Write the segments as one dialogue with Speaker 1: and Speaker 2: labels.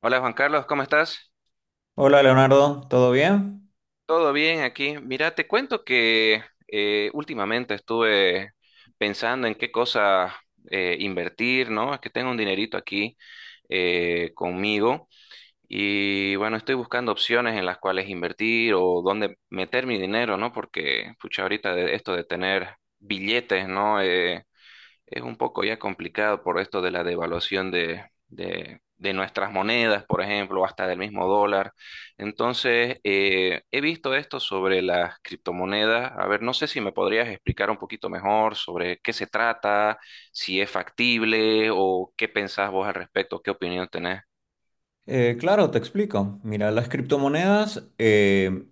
Speaker 1: Hola Juan Carlos, ¿cómo estás?
Speaker 2: Hola Leonardo, ¿todo bien?
Speaker 1: ¿Todo bien aquí? Mira, te cuento que últimamente estuve pensando en qué cosa invertir, ¿no? Es que tengo un dinerito aquí conmigo y bueno, estoy buscando opciones en las cuales invertir o dónde meter mi dinero, ¿no? Porque, pucha, ahorita de esto de tener billetes, ¿no? Es un poco ya complicado por esto de la devaluación de nuestras monedas, por ejemplo, o hasta del mismo dólar. Entonces, he visto esto sobre las criptomonedas. A ver, no sé si me podrías explicar un poquito mejor sobre qué se trata, si es factible o qué pensás vos al respecto, qué opinión tenés.
Speaker 2: Claro, te explico. Mira, las criptomonedas eh,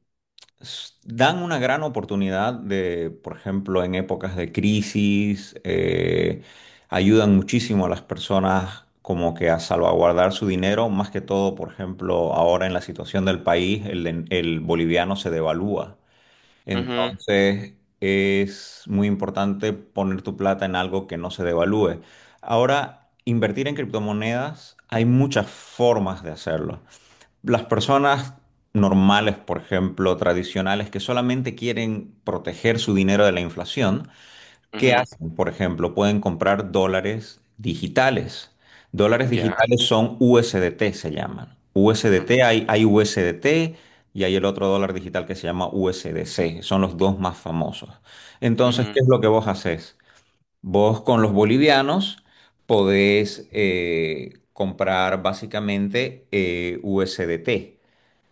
Speaker 2: s- dan una gran oportunidad de, por ejemplo, en épocas de crisis, ayudan muchísimo a las personas como que a salvaguardar su dinero, más que todo, por ejemplo, ahora en la situación del país, el boliviano se devalúa.
Speaker 1: Ujú,
Speaker 2: Entonces es muy importante poner tu plata en algo que no se devalúe. Ahora, invertir en criptomonedas, hay muchas formas de hacerlo. Las personas normales, por ejemplo, tradicionales, que solamente quieren proteger su dinero de la inflación. ¿Qué
Speaker 1: ujú,
Speaker 2: hacen? Por ejemplo, pueden comprar dólares digitales. Dólares
Speaker 1: ya.
Speaker 2: digitales son USDT, se llaman.
Speaker 1: Ujú,
Speaker 2: USDT, hay USDT y hay el otro dólar digital que se llama USDC. Son los dos más famosos. Entonces, ¿qué es lo que vos haces? Vos con los bolivianos podés comprar básicamente USDT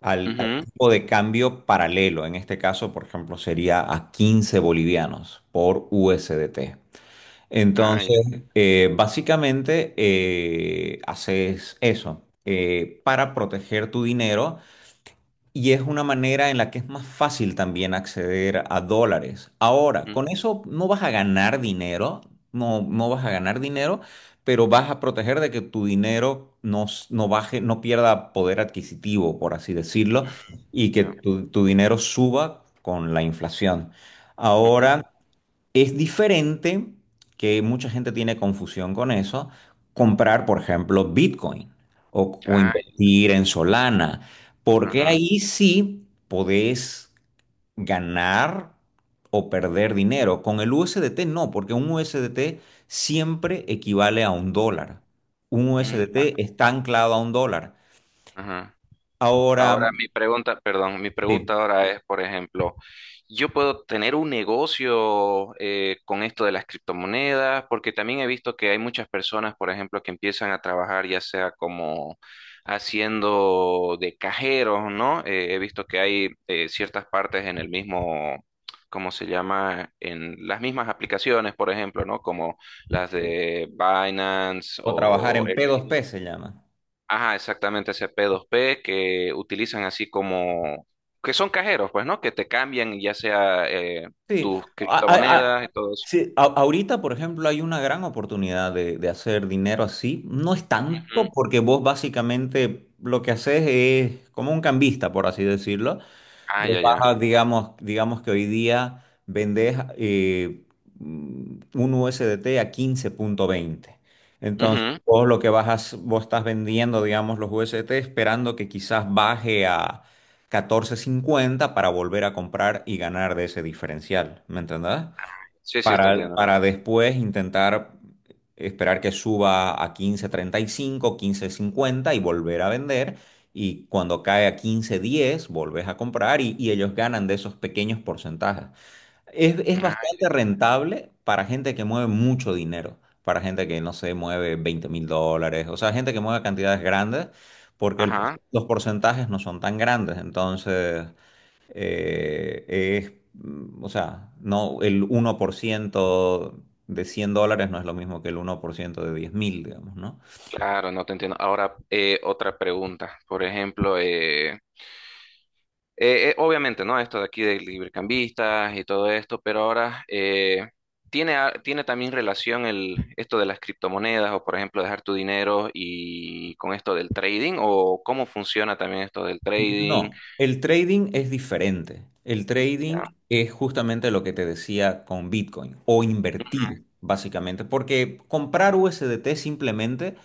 Speaker 2: al,
Speaker 1: ujú,
Speaker 2: al
Speaker 1: ujú.
Speaker 2: tipo de cambio paralelo. En este caso, por ejemplo, sería a 15 bolivianos por USDT.
Speaker 1: Ah,
Speaker 2: Entonces,
Speaker 1: ya.
Speaker 2: básicamente haces eso para proteger tu dinero y es una manera en la que es más fácil también acceder a dólares. Ahora,
Speaker 1: Mm,
Speaker 2: con eso no vas a ganar dinero, no, no vas a ganar dinero, pero vas a proteger de que tu dinero no baje, no pierda poder adquisitivo, por así decirlo, y que
Speaker 1: ya,
Speaker 2: tu dinero suba con la inflación.
Speaker 1: ujú.
Speaker 2: Ahora, es diferente, que mucha gente tiene confusión con eso, comprar, por ejemplo, Bitcoin o
Speaker 1: Ah,
Speaker 2: invertir en Solana,
Speaker 1: ya,
Speaker 2: porque
Speaker 1: ajá,
Speaker 2: ahí sí podés ganar o perder dinero. Con el USDT no, porque un USDT siempre equivale a un dólar. Un
Speaker 1: mm, ya,
Speaker 2: USDT está anclado a un dólar.
Speaker 1: ajá.
Speaker 2: Ahora,
Speaker 1: Ahora mi pregunta, perdón, mi pregunta
Speaker 2: sí,
Speaker 1: ahora es, por ejemplo, ¿yo puedo tener un negocio con esto de las criptomonedas? Porque también he visto que hay muchas personas, por ejemplo, que empiezan a trabajar ya sea como haciendo de cajeros, ¿no? He visto que hay ciertas partes en el mismo, ¿cómo se llama? En las mismas aplicaciones, por ejemplo, ¿no? Como las
Speaker 2: sí,
Speaker 1: de Binance
Speaker 2: o trabajar
Speaker 1: o...
Speaker 2: en P2P se llama.
Speaker 1: Ajá, exactamente, ese P2P que utilizan así como, que son cajeros, pues, ¿no? Que te cambian ya sea
Speaker 2: Sí,
Speaker 1: tus
Speaker 2: a- Ahorita, a- ahorita.
Speaker 1: criptomonedas
Speaker 2: A-
Speaker 1: y todo eso.
Speaker 2: sí, a- ahorita, por ejemplo, hay una gran oportunidad de hacer dinero así. No es
Speaker 1: Ujú.
Speaker 2: tanto porque vos básicamente lo que haces es como un cambista, por así decirlo.
Speaker 1: Ah,
Speaker 2: Vos
Speaker 1: ya,
Speaker 2: vas
Speaker 1: ya.
Speaker 2: a, digamos que hoy día vendés un USDT a quince punto veinte. Entonces,
Speaker 1: Ujú.
Speaker 2: vos lo que vas a, vos estás vendiendo, digamos, los USDT esperando que quizás baje a catorce cincuenta para volver a comprar y ganar de ese diferencial. ¿Me entendés?
Speaker 1: Sí, sí, te
Speaker 2: para,
Speaker 1: entiendo.
Speaker 2: para después intentar esperar que suba a quince treinta y cinco quince cincuenta y volver a vender. Y cuando cae a quince diez volvés a comprar y ellos ganan de esos pequeños porcentajes. Es
Speaker 1: Ah, ya,
Speaker 2: bastante
Speaker 1: ya.
Speaker 2: rentable para gente que mueve mucho dinero, para gente que, no sé, mueve $20.000, o sea, gente que mueve cantidades grandes, porque
Speaker 1: Ajá,
Speaker 2: los porcentajes no son tan grandes. Entonces eh, es, o sea, no, el 1% de $100 no es lo mismo que el 1% de 10.000, digamos, ¿no?
Speaker 1: claro, no te entiendo. Ahora, otra pregunta. Por ejemplo, obviamente, ¿no? Esto de aquí de librecambistas y todo esto, pero ahora tiene también relación el, esto de las criptomonedas o, por ejemplo, dejar tu dinero y con esto del trading o cómo funciona también esto del trading.
Speaker 2: No, el trading es diferente. El trading
Speaker 1: Ya.
Speaker 2: es justamente lo que te decía con Bitcoin o invertir, básicamente, porque comprar USDT simplemente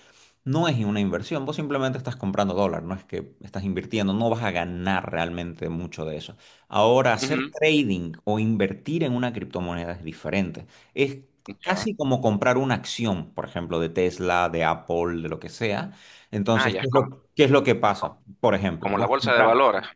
Speaker 2: no es una inversión. Vos simplemente estás comprando dólar, no es que estás invirtiendo, no vas a ganar realmente mucho de eso. Ahora, hacer
Speaker 1: Ujú,
Speaker 2: trading o invertir en una criptomoneda es diferente. Es
Speaker 1: ya.
Speaker 2: casi como comprar una acción, por ejemplo, de Tesla, de Apple, de lo que sea.
Speaker 1: Ah,
Speaker 2: Entonces,
Speaker 1: ya
Speaker 2: ¿qué
Speaker 1: es
Speaker 2: es lo, qué es lo que pasa? Por ejemplo,
Speaker 1: como la
Speaker 2: vos
Speaker 1: bolsa de
Speaker 2: comprar,
Speaker 1: valores.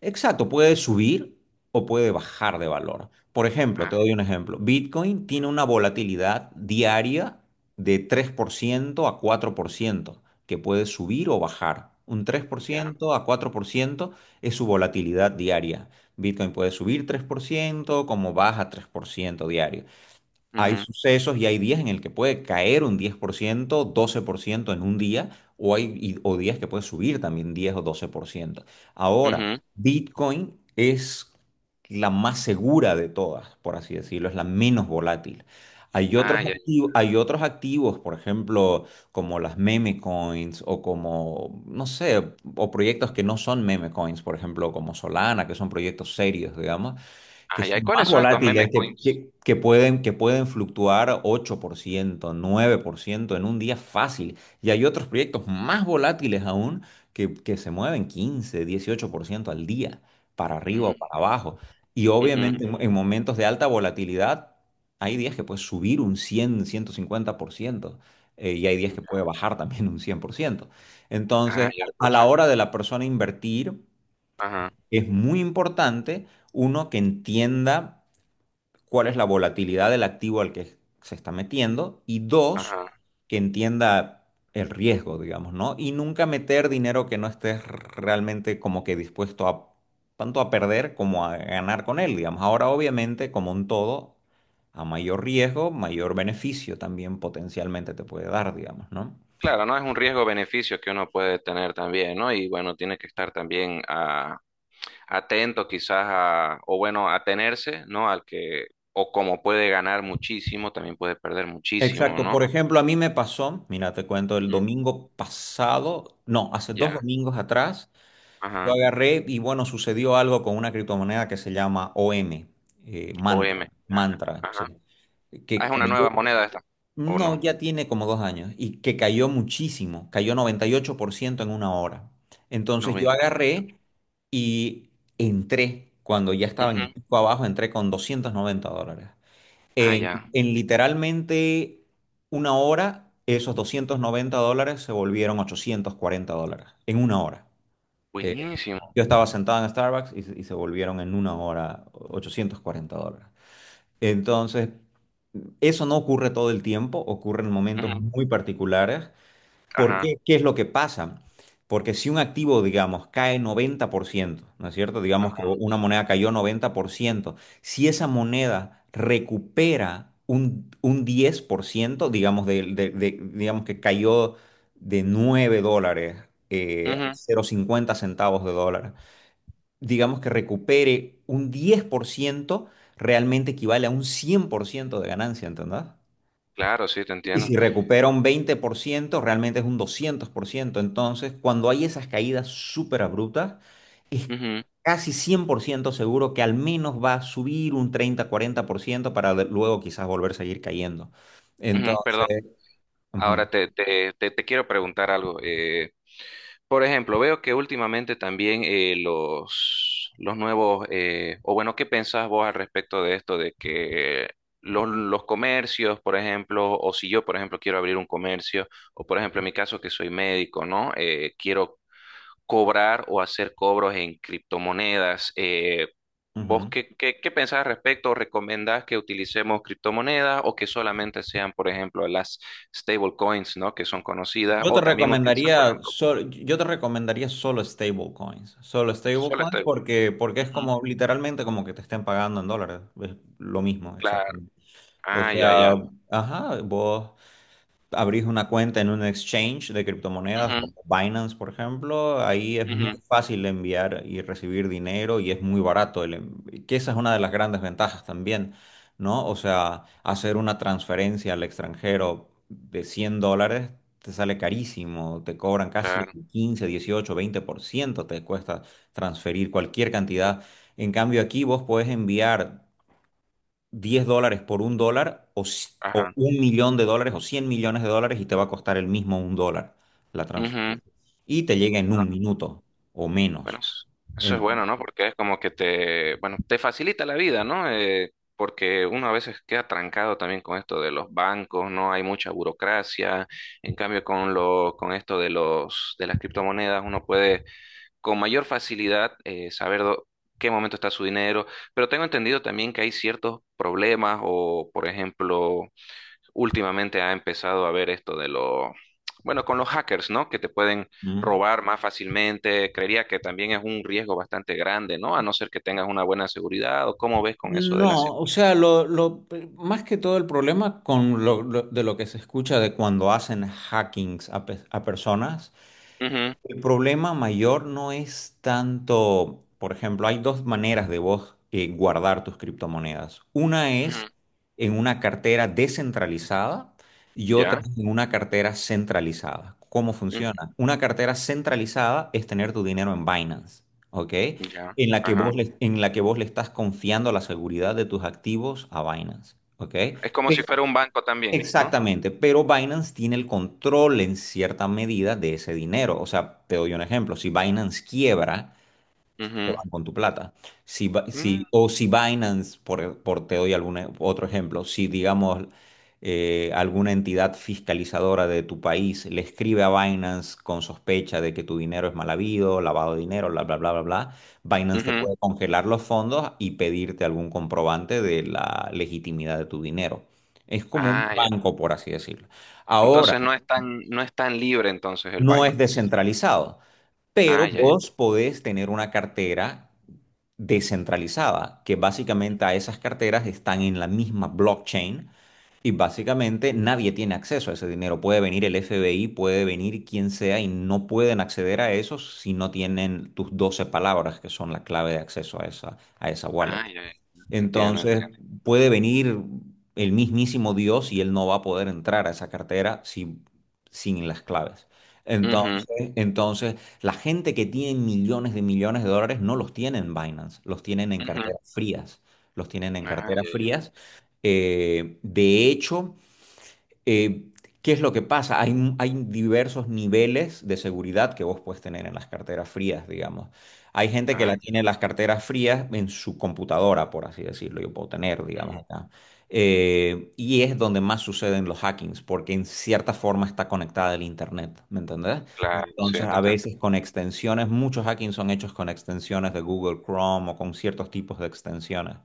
Speaker 2: exacto, puede subir o puede bajar de valor. Por ejemplo,
Speaker 1: Ah,
Speaker 2: te doy un ejemplo. Bitcoin tiene una volatilidad diaria de 3% a 4% que puede subir o bajar. Un tres por
Speaker 1: ya.
Speaker 2: ciento a 4% es su volatilidad diaria. Bitcoin puede subir 3% como baja 3% diario. Hay
Speaker 1: Ujú,
Speaker 2: sucesos y hay días en el que puede caer un 10%, 12% en un día, o o días que puede subir también 10 o 12%. Ahora,
Speaker 1: ujú.
Speaker 2: Bitcoin es la más segura de todas, por así decirlo, es la menos volátil. Hay otros
Speaker 1: Ah, ya.
Speaker 2: activos, hay otros activos, por ejemplo, como las meme coins o como, no sé, o proyectos que no son meme coins, por ejemplo, como Solana, que son proyectos serios, digamos, que
Speaker 1: Ah, ya. ¿Y
Speaker 2: son más
Speaker 1: cuáles son estos
Speaker 2: volátiles,
Speaker 1: meme
Speaker 2: que,
Speaker 1: coins?
Speaker 2: que- que pueden, que pueden fluctuar 8% 9% en un día fácil. Y hay otros proyectos más volátiles aún que se mueven quince dieciocho por ciento al día, para arriba
Speaker 1: Ujú,
Speaker 2: o para abajo. Y
Speaker 1: ujú.
Speaker 2: obviamente en momentos de alta volatilidad hay días que puede subir un 100, 150%. Y hay días que puede bajar también un 100%. Entonces,
Speaker 1: Ah, ya,
Speaker 2: a
Speaker 1: escucha.
Speaker 2: la hora de la persona invertir,
Speaker 1: Ajá,
Speaker 2: es muy importante uno que entienda cuál es la volatilidad del activo al que se está metiendo y dos,
Speaker 1: ajá.
Speaker 2: que entienda el riesgo, digamos, ¿no? Y nunca meter dinero que no estés realmente como que dispuesto a tanto a perder como a ganar con él, digamos. Ahora, obviamente, como un todo, a mayor riesgo, mayor beneficio también potencialmente te puede dar, digamos, ¿no?
Speaker 1: Claro, no es un riesgo-beneficio que uno puede tener también, ¿no? Y bueno, tiene que estar también atento quizás a, o bueno, atenerse, ¿no? Al que, o como puede ganar muchísimo, también puede perder muchísimo,
Speaker 2: Exacto.
Speaker 1: ¿no?
Speaker 2: Por ejemplo, a mí me pasó, mira, te cuento, el
Speaker 1: Ujú.
Speaker 2: domingo pasado, no, hace dos
Speaker 1: Ya,
Speaker 2: domingos atrás, yo
Speaker 1: ajá,
Speaker 2: agarré y bueno, sucedió algo con una criptomoneda que se llama OM,
Speaker 1: O
Speaker 2: Mantra,
Speaker 1: M. Ya,
Speaker 2: Mantra,
Speaker 1: ajá.
Speaker 2: sí,
Speaker 1: Ah,
Speaker 2: que
Speaker 1: es una
Speaker 2: cayó,
Speaker 1: nueva moneda esta, ¿o
Speaker 2: no,
Speaker 1: no?
Speaker 2: ya tiene como 2 años, y que cayó muchísimo, cayó 98% en una hora. Entonces yo
Speaker 1: 90.
Speaker 2: agarré y entré, cuando ya estaba en el
Speaker 1: Ujú.
Speaker 2: pico abajo, entré con $290.
Speaker 1: Ah,
Speaker 2: En,
Speaker 1: ya,
Speaker 2: en literalmente una hora, esos $290 se volvieron $840, en una hora.
Speaker 1: buenísimo.
Speaker 2: Yo estaba sentado en Starbucks y se volvieron en una hora $840. Entonces, eso no ocurre todo el tiempo, ocurre en momentos
Speaker 1: Ujú.
Speaker 2: muy particulares. ¿Por
Speaker 1: Ajá,
Speaker 2: qué? ¿Qué es lo que pasa? Porque si un activo, digamos, cae 90%, ¿no es cierto? Digamos que
Speaker 1: ajá.
Speaker 2: una moneda cayó 90%. Si esa moneda recupera un 10%, digamos, digamos que cayó de $9
Speaker 1: Ujú.
Speaker 2: cero coma cincuenta centavos de dólar, digamos que recupere un 10%, realmente equivale a un 100% de ganancia, ¿entendés?
Speaker 1: Claro, sí, te
Speaker 2: Y
Speaker 1: entiendo.
Speaker 2: si recupera un 20% realmente es un 200%. Entonces, cuando hay esas caídas súper abruptas, es
Speaker 1: Ujú,
Speaker 2: casi 100% seguro que al menos va a subir un treinta cuarenta por ciento para luego quizás volver a seguir cayendo.
Speaker 1: ujú, perdón,
Speaker 2: Entonces, ujú,
Speaker 1: ahora te quiero preguntar algo. Por ejemplo, veo que últimamente también los nuevos, o bueno, ¿qué pensás vos al respecto de esto de que los comercios, por ejemplo, o si yo, por ejemplo, quiero abrir un comercio, o por ejemplo, en mi caso que soy médico, ¿no? Quiero cobrar o hacer cobros en criptomonedas. ¿Vos
Speaker 2: ujú.
Speaker 1: qué pensás al respecto? ¿Recomendás que utilicemos criptomonedas o que solamente sean, por ejemplo, las stablecoins, ¿no? Que son conocidas,
Speaker 2: Yo te
Speaker 1: o también utilizar, por
Speaker 2: recomendaría,
Speaker 1: ejemplo,
Speaker 2: yo te recomendaría solo
Speaker 1: solo.
Speaker 2: stablecoins porque es
Speaker 1: Ujú,
Speaker 2: como literalmente como que te estén pagando en dólares, es lo mismo,
Speaker 1: claro.
Speaker 2: exactamente. O
Speaker 1: Ah, ya,
Speaker 2: sea,
Speaker 1: ya.
Speaker 2: ajá, vos abrís una cuenta en un exchange de criptomonedas
Speaker 1: Ujú,
Speaker 2: como Binance, por ejemplo, ahí es muy
Speaker 1: ujú,
Speaker 2: fácil enviar y recibir dinero y es muy barato, que esa es una de las grandes ventajas también, ¿no? O sea, hacer una transferencia al extranjero de $100 te sale carísimo, te cobran casi
Speaker 1: claro.
Speaker 2: el quince, dieciocho, veinte por ciento te cuesta transferir cualquier cantidad. En cambio, aquí vos podés enviar $10 por un dólar o
Speaker 1: Ajá.
Speaker 2: un millón de dólares o 100 millones de dólares y te va a costar el mismo un dólar la transferencia.
Speaker 1: Ujú.
Speaker 2: Y te llega en
Speaker 1: Bueno,
Speaker 2: un minuto o
Speaker 1: bueno,
Speaker 2: menos.
Speaker 1: eso es
Speaker 2: En-
Speaker 1: bueno, ¿no? Porque es como que te, bueno, te facilita la vida, ¿no? Porque uno a veces queda trancado también con esto de los bancos, ¿no? Hay mucha burocracia. En cambio, con con esto de de las criptomonedas, uno puede con mayor facilidad qué momento está su dinero. Pero tengo entendido también que hay ciertos problemas o, por ejemplo, últimamente ha empezado a ver esto de bueno, con los hackers, ¿no? Que te pueden
Speaker 2: ¿Mm?
Speaker 1: robar más fácilmente. Creería que también es un riesgo bastante grande, ¿no? A no ser que tengas una buena seguridad o cómo ves con eso de la
Speaker 2: No, o
Speaker 1: seguridad.
Speaker 2: sea, más que todo el problema con de lo que se escucha de cuando hacen hackings a personas. El problema mayor no es tanto, por ejemplo, hay dos maneras de vos guardar tus criptomonedas. Una es en una cartera descentralizada y otra
Speaker 1: Ya,
Speaker 2: es en una cartera centralizada. ¿Cómo
Speaker 1: ujú,
Speaker 2: funciona? Una cartera centralizada es tener tu dinero en Binance, ¿ok?
Speaker 1: ya,
Speaker 2: En la que
Speaker 1: ajá.
Speaker 2: vos le, en la que vos le estás confiando la seguridad de tus activos a Binance, ¿ok?
Speaker 1: Es como si fuera un banco también, ¿no?
Speaker 2: Exactamente, pero Binance tiene el control en cierta medida de ese dinero. O sea, te doy un ejemplo, si Binance quiebra, te
Speaker 1: Ujú,
Speaker 2: van con tu plata. Si, Bi-
Speaker 1: mm,
Speaker 2: si, o si Binance, por te doy otro ejemplo, si digamos alguna entidad fiscalizadora de tu país le escribe a Binance con sospecha de que tu dinero es mal habido, lavado de dinero, bla, bla, bla, bla, bla, Binance te
Speaker 1: ujú.
Speaker 2: puede congelar los fondos y pedirte algún comprobante de la legitimidad de tu dinero. Es como un
Speaker 1: Ah, ya.
Speaker 2: banco, por así decirlo. Ahora,
Speaker 1: Entonces no es tan libre entonces el
Speaker 2: no es
Speaker 1: Binance.
Speaker 2: descentralizado. Pero
Speaker 1: Ah, ya, ya.
Speaker 2: vos podés tener una cartera descentralizada, que básicamente a esas carteras están en la misma blockchain y básicamente nadie tiene acceso a ese dinero. Puede venir el FBI, puede venir quien sea y no pueden acceder a eso si no tienen tus 12 palabras, que son la clave de acceso a esa, wallet.
Speaker 1: Ah, ya, ya. Entiendo,
Speaker 2: Entonces
Speaker 1: entiendo.
Speaker 2: puede venir el mismísimo Dios y él no va a poder entrar a esa cartera sin las claves. Entonces, la gente que tiene millones de dólares no los tiene en Binance, los tienen en
Speaker 1: Ujú, ujú.
Speaker 2: carteras frías, los tienen en
Speaker 1: Ah,
Speaker 2: carteras
Speaker 1: ya, ya.
Speaker 2: frías. De hecho, eh, ¿qué es lo que pasa? Hay diversos niveles de seguridad que vos puedes tener en las carteras frías, digamos. Hay gente que
Speaker 1: Ah,
Speaker 2: la tiene en las carteras frías en su computadora, por así decirlo, yo puedo tener,
Speaker 1: ya.
Speaker 2: digamos, acá. Y es donde más suceden los hackings, porque en cierta forma está conectada al Internet, ¿me entendés?
Speaker 1: Claro, sí,
Speaker 2: Entonces,
Speaker 1: te
Speaker 2: a
Speaker 1: entiendo.
Speaker 2: veces con extensiones, muchos hackings son hechos con extensiones de Google Chrome o con ciertos tipos de extensiones.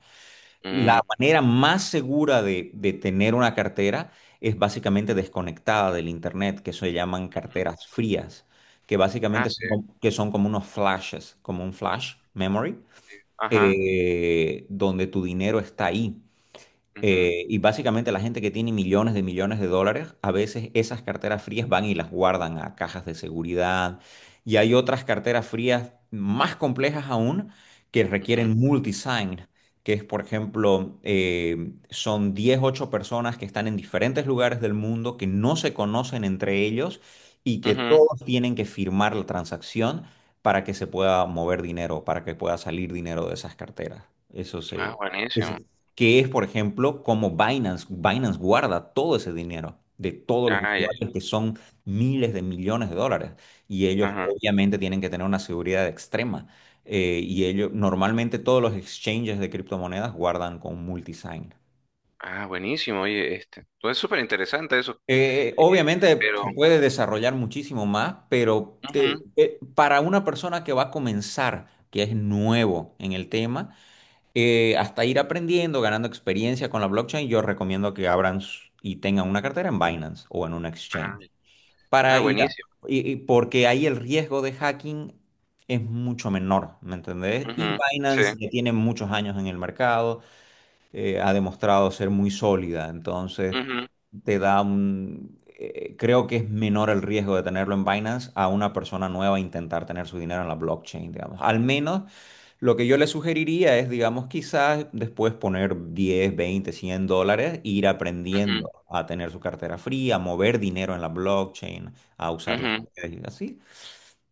Speaker 2: La
Speaker 1: Mm,
Speaker 2: manera más segura de tener una cartera es básicamente desconectada del internet, que se llaman
Speaker 1: ya. Ujú.
Speaker 2: carteras frías, que
Speaker 1: Ah,
Speaker 2: básicamente
Speaker 1: sí,
Speaker 2: que son como unos flashes, como un flash memory,
Speaker 1: sí. Ajá.
Speaker 2: donde tu dinero está ahí.
Speaker 1: Ujú,
Speaker 2: Y básicamente la gente que tiene millones de dólares, a veces esas carteras frías van y las guardan a cajas de seguridad. Y hay otras carteras frías más complejas aún que
Speaker 1: ujú,
Speaker 2: requieren multisign, que es, por ejemplo, son 10 8 personas que están en diferentes lugares del mundo, que no se conocen entre ellos y que
Speaker 1: ujú.
Speaker 2: todos tienen que firmar la transacción para que se pueda mover dinero, para que pueda salir dinero de esas carteras. Eso
Speaker 1: Ah,
Speaker 2: se... Eso
Speaker 1: buenísimo.
Speaker 2: que es, por ejemplo, como Binance guarda todo ese dinero de todos los
Speaker 1: Ah, ya, ya.
Speaker 2: usuarios que son miles de millones de dólares y ellos
Speaker 1: Ajá.
Speaker 2: obviamente tienen que tener una seguridad extrema. Y ellos, normalmente todos los exchanges de criptomonedas guardan con multisign.
Speaker 1: Ah, buenísimo, oye, este. Pues es súper interesante eso. Eh,
Speaker 2: Obviamente
Speaker 1: pero,
Speaker 2: se puede desarrollar muchísimo más, pero
Speaker 1: ujú.
Speaker 2: para una persona que va a comenzar, que es nuevo en el tema, hasta ir aprendiendo, ganando experiencia con la blockchain, yo recomiendo que y tengan una cartera en Binance o en un
Speaker 1: Ah,
Speaker 2: exchange. Para
Speaker 1: ah,
Speaker 2: ir a-
Speaker 1: buenísimo.
Speaker 2: y porque ahí el riesgo de hacking es mucho menor, ¿me entendés? Y
Speaker 1: Ujú, sí.
Speaker 2: Binance ya tiene muchos años en el mercado, ha demostrado ser muy sólida, entonces
Speaker 1: Ujú,
Speaker 2: creo que es menor el riesgo de tenerlo en Binance a una persona nueva intentar tener su dinero en la blockchain, digamos. Al menos lo que yo le sugeriría es, digamos, quizás después poner 10, 20, 100 dólares, ir
Speaker 1: ujú,
Speaker 2: aprendiendo a tener su cartera fría, a mover dinero en la blockchain, a usar las
Speaker 1: ujú,
Speaker 2: redes y así.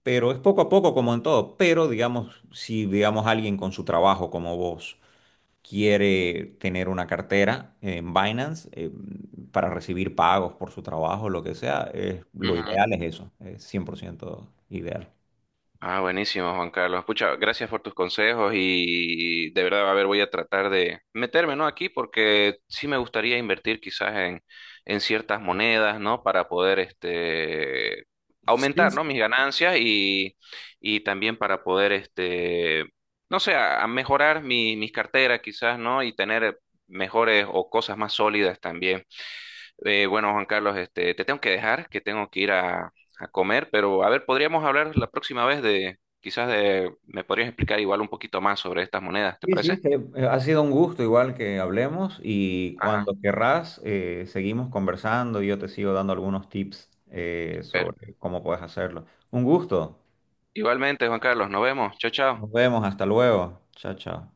Speaker 2: Pero es poco a poco como en todo. Pero, digamos, si, digamos, alguien con su trabajo como vos quiere tener una cartera en Binance para recibir pagos por su trabajo, lo que sea, lo
Speaker 1: ujú,
Speaker 2: ideal es eso, es 100% ideal.
Speaker 1: ah, buenísimo, Juan Carlos. Pucha, gracias por tus consejos y de verdad, a ver, voy a tratar de meterme, ¿no? Aquí porque sí me gustaría invertir quizás en, ciertas monedas, ¿no? Para poder, este, aumentar, ¿no?
Speaker 2: Sí,
Speaker 1: Mis ganancias y también para poder, este, no sé, a mejorar mis carteras quizás, ¿no? Y tener mejores o cosas más sólidas también. Bueno, Juan Carlos, este, te tengo que dejar, que tengo que ir a comer, pero a ver, podríamos hablar la próxima vez de, quizás de, me podrías explicar igual un poquito más sobre estas monedas, ¿te
Speaker 2: sí, sí,
Speaker 1: parece?
Speaker 2: que, ha sido un gusto igual que hablemos y
Speaker 1: Ajá.
Speaker 2: cuando querrás seguimos conversando y yo te sigo dando algunos tips
Speaker 1: Pero
Speaker 2: sobre cómo puedes hacerlo. Un gusto.
Speaker 1: igualmente, Juan Carlos, nos vemos. Chao, chao.
Speaker 2: Nos vemos. Hasta luego. Chao, chao.